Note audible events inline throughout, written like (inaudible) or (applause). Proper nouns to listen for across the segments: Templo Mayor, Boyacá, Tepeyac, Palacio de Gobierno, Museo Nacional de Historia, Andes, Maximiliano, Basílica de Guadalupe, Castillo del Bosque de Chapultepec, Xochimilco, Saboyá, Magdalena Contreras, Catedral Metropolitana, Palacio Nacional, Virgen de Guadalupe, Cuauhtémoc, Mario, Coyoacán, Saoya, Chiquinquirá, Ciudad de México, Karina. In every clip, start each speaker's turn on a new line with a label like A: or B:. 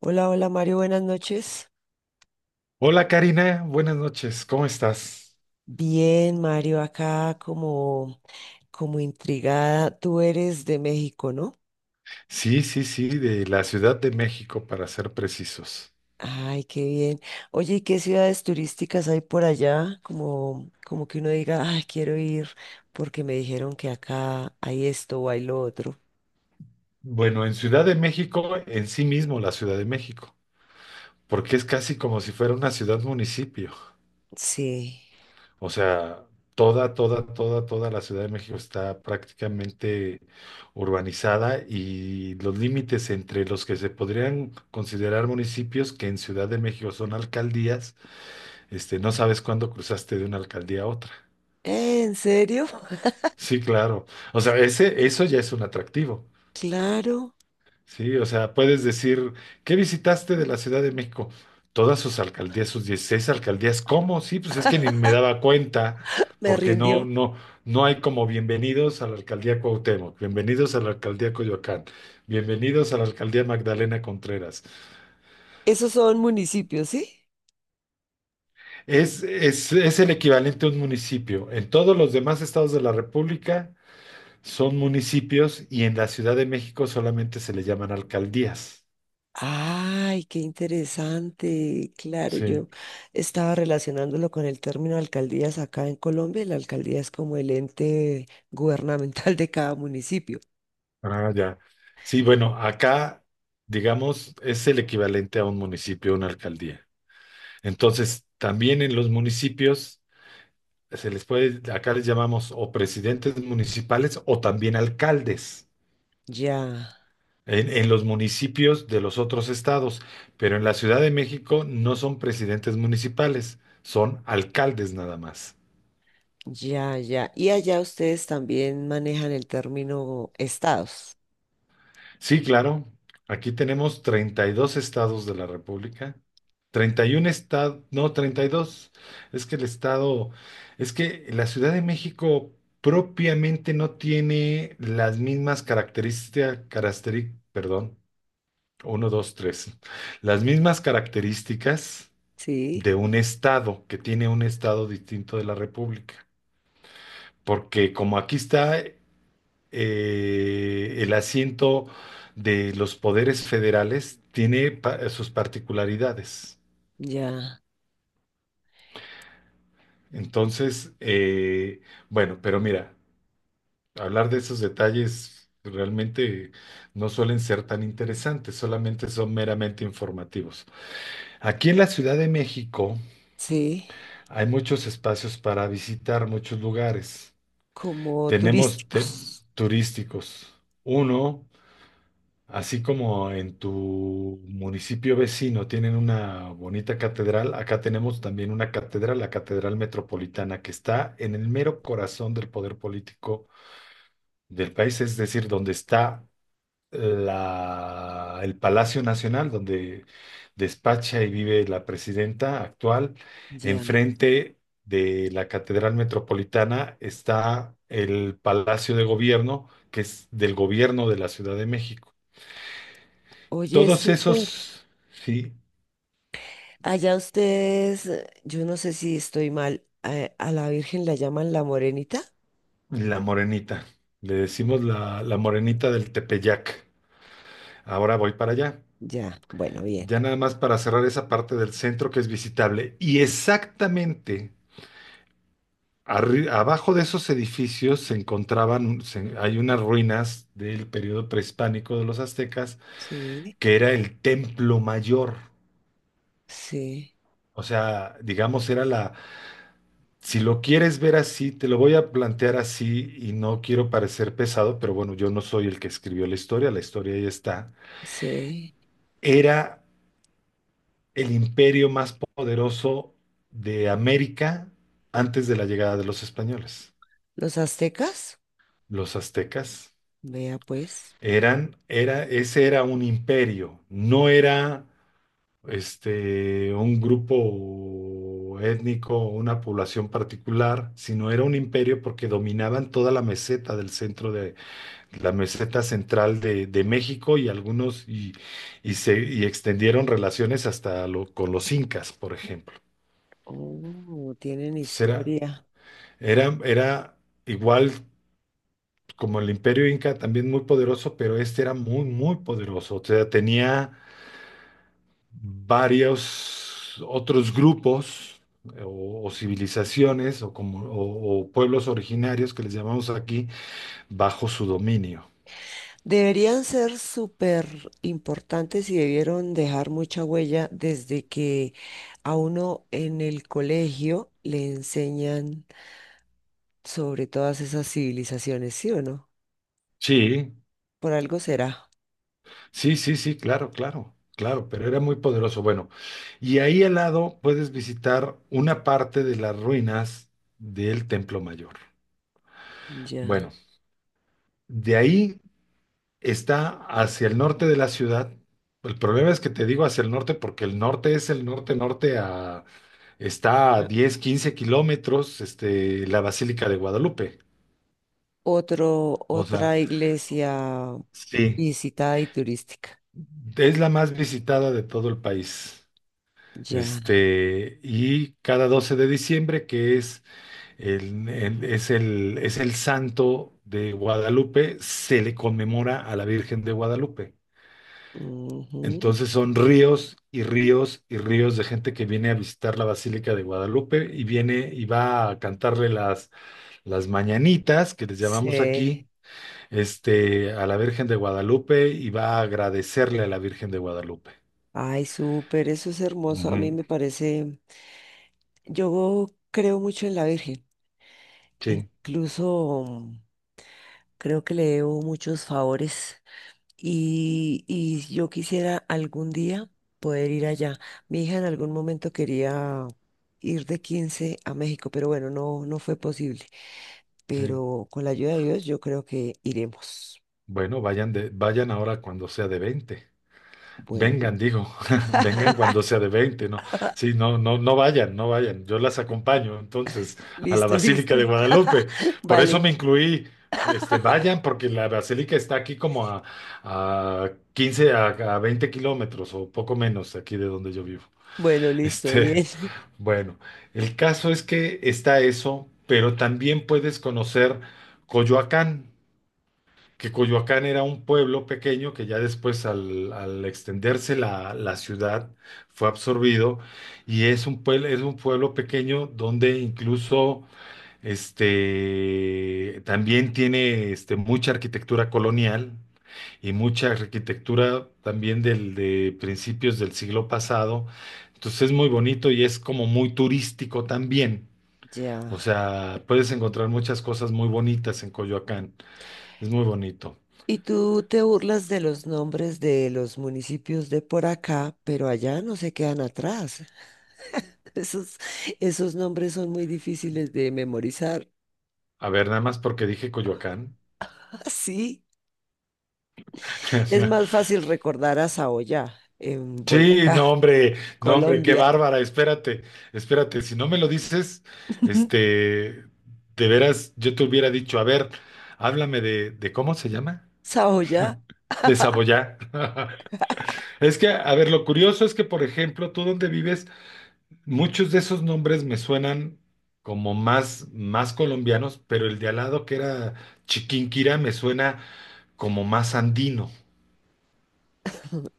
A: Hola, hola Mario, buenas noches.
B: Hola Karina, buenas noches, ¿cómo estás?
A: Bien, Mario, acá como, como intrigada. Tú eres de México, ¿no?
B: Sí, de la Ciudad de México para ser precisos.
A: Ay, qué bien. Oye, ¿y qué ciudades turísticas hay por allá? Como, como que uno diga, ay, quiero ir porque me dijeron que acá hay esto o hay lo otro.
B: Bueno, en Ciudad de México, en sí mismo la Ciudad de México, porque es casi como si fuera una ciudad-municipio.
A: Sí.
B: O sea, toda la Ciudad de México está prácticamente urbanizada y los límites entre los que se podrían considerar municipios, que en Ciudad de México son alcaldías, no sabes cuándo cruzaste de una alcaldía a otra.
A: ¿En serio? (laughs)
B: Sí, claro. O sea, eso ya es un atractivo.
A: Claro,
B: Sí, o sea, puedes decir, ¿qué visitaste de la Ciudad de México? Todas sus alcaldías, sus 16 alcaldías. ¿Cómo? Sí, pues es que ni me daba cuenta,
A: me
B: porque
A: rindió.
B: no hay como bienvenidos a la alcaldía Cuauhtémoc, bienvenidos a la alcaldía Coyoacán, bienvenidos a la alcaldía Magdalena Contreras.
A: ¿Esos son municipios, sí?
B: Es el equivalente a un municipio. En todos los demás estados de la República son municipios y en la Ciudad de México solamente se le llaman alcaldías.
A: Ay, qué interesante. Claro,
B: Sí,
A: yo estaba relacionándolo con el término alcaldías acá en Colombia. Y la alcaldía es como el ente (laughs) gubernamental de cada municipio.
B: ah, ya. Sí, bueno, acá, digamos, es el equivalente a un municipio, una alcaldía. Entonces, también en los municipios se les puede, acá les llamamos o presidentes municipales o también alcaldes
A: Ya,
B: en los municipios de los otros estados. Pero en la Ciudad de México no son presidentes municipales, son alcaldes nada más.
A: ya, ya. Y allá ustedes también manejan el término estados.
B: Sí, claro. Aquí tenemos 32 estados de la República. 31 estados, no, 32. Es que el estado, es que la Ciudad de México propiamente no tiene las mismas características, perdón, uno, 2, tres, las mismas características
A: Sí,
B: de un estado, que tiene un estado distinto de la República. Porque como aquí está el asiento de los poderes federales tiene sus particularidades.
A: ya,
B: Entonces, bueno, pero mira, hablar de esos detalles realmente no suelen ser tan interesantes, solamente son meramente informativos. Aquí en la Ciudad de México
A: sí,
B: hay muchos espacios para visitar, muchos lugares.
A: como
B: Tenemos te-
A: turísticos.
B: turísticos. Uno, así como en tu municipio vecino tienen una bonita catedral, acá tenemos también una catedral, la Catedral Metropolitana, que está en el mero corazón del poder político del país, es decir, donde está el Palacio Nacional, donde despacha y vive la presidenta actual.
A: Ya.
B: Enfrente de la Catedral Metropolitana está el Palacio de Gobierno, que es del gobierno de la Ciudad de México.
A: Oye,
B: Todos
A: súper.
B: esos, sí,
A: Allá ustedes, yo no sé si estoy mal, a la Virgen la llaman la morenita.
B: la morenita. Le decimos la morenita del Tepeyac. Ahora voy para allá.
A: Ya, bueno, bien.
B: Ya nada más para cerrar esa parte del centro que es visitable. Y exactamente abajo de esos edificios hay unas ruinas del periodo prehispánico de los aztecas,
A: Sí,
B: que era el templo mayor.
A: sí,
B: O sea, digamos, era, si lo quieres ver así, te lo voy a plantear así y no quiero parecer pesado, pero bueno, yo no soy el que escribió la historia ahí está.
A: sí.
B: Era el imperio más poderoso de América antes de la llegada de los españoles.
A: ¿Los aztecas?
B: Los aztecas
A: Vea pues.
B: ese era un imperio, no era un grupo étnico o una población particular, sino era un imperio porque dominaban toda la meseta del centro de la meseta central de México y se extendieron relaciones hasta con los incas, por ejemplo.
A: Oh, tienen
B: Entonces
A: historia.
B: era igual como el imperio inca, también muy poderoso, pero este era muy, muy poderoso. O sea, tenía varios otros grupos o civilizaciones o, como, o pueblos originarios que les llamamos aquí bajo su dominio.
A: Deberían ser súper importantes y debieron dejar mucha huella desde que a uno en el colegio le enseñan sobre todas esas civilizaciones, ¿sí o no?
B: Sí,
A: Por algo será.
B: sí claro, pero era muy poderoso. Bueno, y ahí al lado puedes visitar una parte de las ruinas del Templo Mayor.
A: Ya.
B: Bueno, de ahí está hacia el norte de la ciudad. El problema es que te digo hacia el norte porque el norte es el norte-norte a... Está a
A: Ah,
B: 10 o 15 kilómetros, la Basílica de Guadalupe.
A: Otro,
B: O sea,
A: otra iglesia
B: sí,
A: visitada y turística.
B: es la más visitada de todo el país.
A: Ya.
B: Y cada 12 de diciembre, que es es el santo de Guadalupe, se le conmemora a la Virgen de Guadalupe.
A: Ujú.
B: Entonces son ríos y ríos y ríos de gente que viene a visitar la Basílica de Guadalupe y viene y va a cantarle las mañanitas, que les llamamos aquí,
A: Sí.
B: a la Virgen de Guadalupe y va a agradecerle a la Virgen de Guadalupe.
A: Ay, súper, eso es hermoso. A mí
B: Ujú,
A: me parece, yo creo mucho en la Virgen.
B: sí,
A: Incluso creo que le debo muchos favores y, yo quisiera algún día poder ir allá. Mi hija en algún momento quería ir de 15 a México, pero bueno, no, no fue posible.
B: sí.
A: Pero con la ayuda de Dios, yo creo que iremos.
B: Bueno, vayan ahora cuando sea de 20.
A: Bueno,
B: Vengan, digo, (laughs) vengan
A: (laughs)
B: cuando sea de veinte, ¿no? Sí, no, no, no vayan, no vayan. Yo las acompaño entonces a la
A: listo,
B: Basílica
A: listo.
B: de Guadalupe.
A: (laughs)
B: Por eso
A: Vale.
B: me incluí. Este, vayan, porque la Basílica está aquí como a 15 a 20 kilómetros o poco menos aquí de donde yo vivo. (laughs)
A: Bueno, listo, bien.
B: Este,
A: (laughs)
B: bueno, el caso es que está eso, pero también puedes conocer Coyoacán, que Coyoacán era un pueblo pequeño que ya después al extenderse la ciudad fue absorbido y es un pueblo pequeño donde incluso también tiene mucha arquitectura colonial y mucha arquitectura también de principios del siglo pasado. Entonces es muy bonito y es como muy turístico también. O
A: Ya.
B: sea, puedes encontrar muchas cosas muy bonitas en Coyoacán. Es muy bonito.
A: Y tú te burlas de los nombres de los municipios de por acá, pero allá no se quedan atrás. (laughs) Esos, esos nombres son muy difíciles de memorizar. (laughs)
B: A ver, nada más porque dije Coyoacán.
A: Ah, sí. Es más
B: (laughs)
A: fácil recordar a Saoya en
B: Sí,
A: Boyacá,
B: no,
A: (laughs)
B: hombre, no, hombre, qué
A: Colombia.
B: bárbara, espérate, si no me lo dices, este,
A: (laughs)
B: de veras, yo te hubiera dicho, a ver, háblame de ¿cómo se llama?
A: Saoya,
B: De Saboyá. (laughs) Es que, a ver, lo curioso es que, por ejemplo, tú donde vives, muchos de esos nombres me suenan como más colombianos, pero el de al lado que era Chiquinquirá me suena como más andino,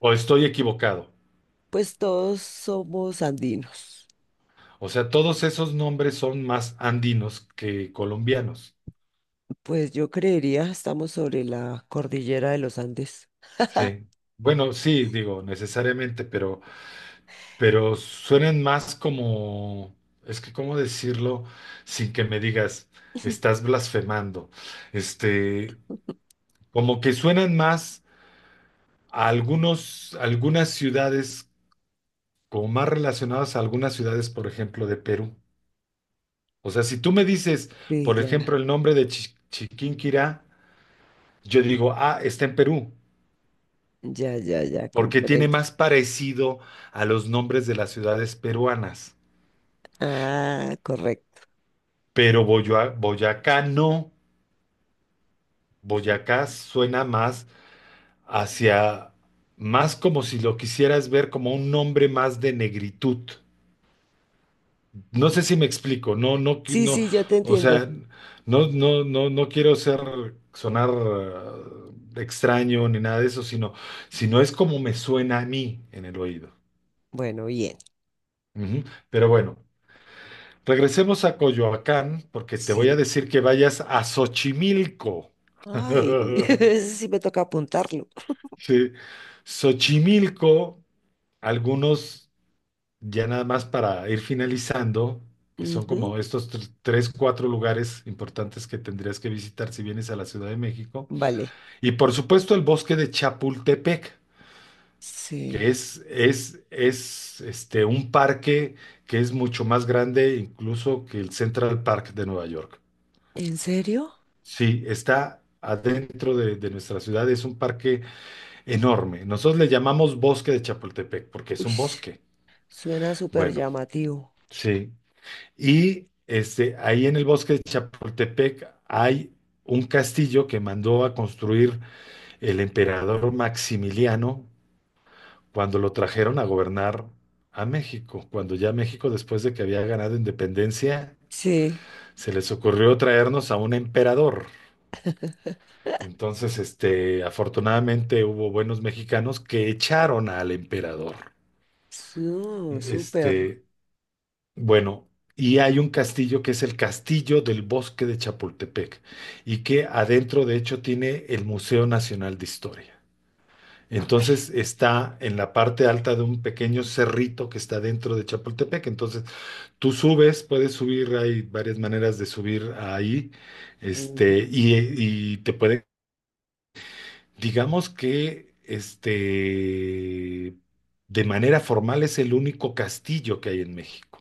B: o estoy equivocado.
A: pues todos somos andinos.
B: O sea, todos esos nombres son más andinos que colombianos.
A: Pues yo creería, estamos sobre la cordillera de los Andes.
B: Sí. Bueno, sí, digo, necesariamente, pero suenan más como, es que cómo decirlo sin que me digas, estás blasfemando. Este, como que suenan más a algunas ciudades, como más relacionadas a algunas ciudades, por ejemplo, de Perú. O sea, si tú me dices,
A: Sí,
B: por
A: ya,
B: ejemplo, el nombre de Chiquinquirá, yo digo, ah, está en Perú.
A: ya, ya, ya,
B: Porque tiene
A: comprendo.
B: más parecido a los nombres de las ciudades peruanas.
A: Ah, correcto.
B: Pero Boyacá no. Boyacá suena más hacia, más como si lo quisieras ver como un nombre más de negritud. No sé si me explico,
A: Sí,
B: no,
A: sí, ya te
B: o
A: entiendo.
B: sea, no quiero ser, sonar extraño ni nada de eso, sino es como me suena a mí en el oído.
A: Bueno, bien.
B: Ujú. Pero bueno. Regresemos a Coyoacán porque te voy a
A: Sí.
B: decir que vayas a Xochimilco.
A: Ay, (laughs)
B: (laughs)
A: ese sí me toca apuntarlo.
B: Sí. Xochimilco, algunos, ya nada más para ir finalizando, que son
A: Ujú,
B: como estos tres, cuatro lugares importantes que tendrías que visitar si vienes a la Ciudad de México.
A: vale.
B: Y por supuesto el bosque de Chapultepec, que
A: Sí.
B: es un parque que es mucho más grande incluso que el Central Park de Nueva York.
A: ¿En serio?
B: Sí, está adentro de nuestra ciudad, es un parque enorme. Nosotros le llamamos Bosque de Chapultepec porque es
A: Uy,
B: un bosque.
A: suena súper
B: Bueno,
A: llamativo.
B: sí. Y ahí en el Bosque de Chapultepec hay un castillo que mandó a construir el emperador Maximiliano cuando lo trajeron a gobernar a México, cuando ya México, después de que había ganado independencia,
A: Sí.
B: se les ocurrió traernos a un emperador. Entonces, afortunadamente hubo buenos mexicanos que echaron al emperador.
A: Su-
B: E,
A: súper.
B: Este, bueno, y hay un castillo que es el Castillo del Bosque de Chapultepec y que adentro, de hecho, tiene el Museo Nacional de Historia.
A: Ush,
B: Entonces está en la parte alta de un pequeño cerrito que está dentro de Chapultepec. Entonces tú subes, puedes subir, hay varias maneras de subir ahí,
A: ujú,
B: y te pueden, digamos que de manera formal es el único castillo que hay en México.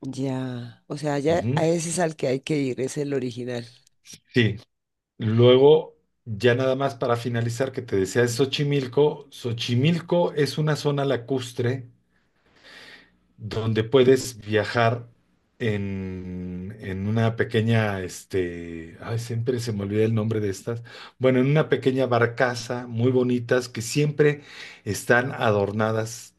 A: ya. O sea, ya a
B: Ujú.
A: ese es al que hay que ir, es el original.
B: Sí. Luego, ya nada más para finalizar, que te decía de Xochimilco. Xochimilco es una zona lacustre donde puedes viajar en una pequeña, ay, siempre se me olvida el nombre de estas. Bueno, en una pequeña barcaza muy bonitas que siempre están adornadas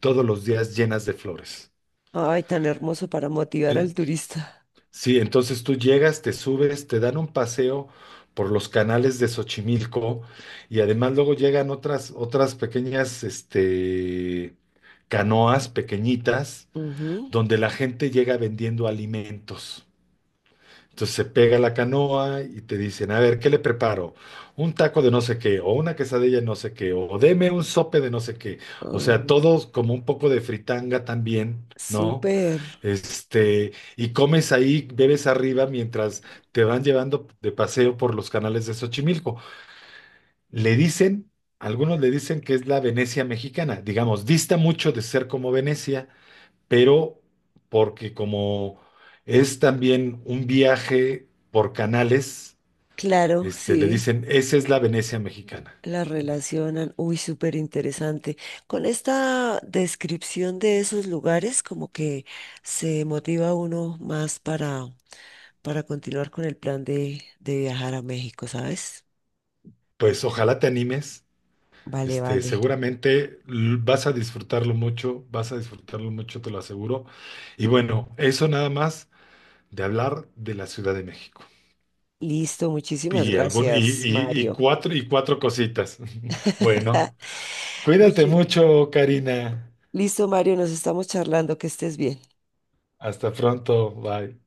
B: todos los días llenas de flores.
A: Ay, tan hermoso para motivar
B: ¿Eh?
A: al turista.
B: Sí, entonces tú llegas, te subes, te dan un paseo por los canales de Xochimilco y además luego llegan otras pequeñas, canoas pequeñitas
A: Ujú.
B: donde la gente llega vendiendo alimentos. Entonces se pega la canoa y te dicen, a ver, ¿qué le preparo? Un taco de no sé qué, o una quesadilla de no sé qué, o deme un sope de no sé qué. O
A: Ah,
B: sea, todos como un poco de fritanga también, ¿no?
A: súper.
B: Este, y comes ahí, bebes arriba mientras te van llevando de paseo por los canales de Xochimilco. Le dicen, algunos le dicen que es la Venecia mexicana, digamos, dista mucho de ser como Venecia, pero porque como es también un viaje por canales,
A: Claro,
B: le
A: sí.
B: dicen, esa es la Venecia mexicana.
A: La relacionan, uy, súper interesante. Con esta descripción de esos lugares, como que se motiva uno más para, continuar con el plan de, viajar a México, ¿sabes?
B: Pues ojalá te animes,
A: Vale, vale.
B: seguramente vas a disfrutarlo mucho, vas a disfrutarlo mucho, te lo aseguro. Y bueno, eso nada más de hablar de la Ciudad de México.
A: Listo, muchísimas
B: Y, algún,
A: gracias, Mario.
B: y cuatro cositas. (laughs) Bueno,
A: (laughs)
B: cuídate
A: Muchi-
B: mucho, Karina.
A: Listo, Mario, nos estamos charlando, que estés bien.
B: Hasta pronto. Bye.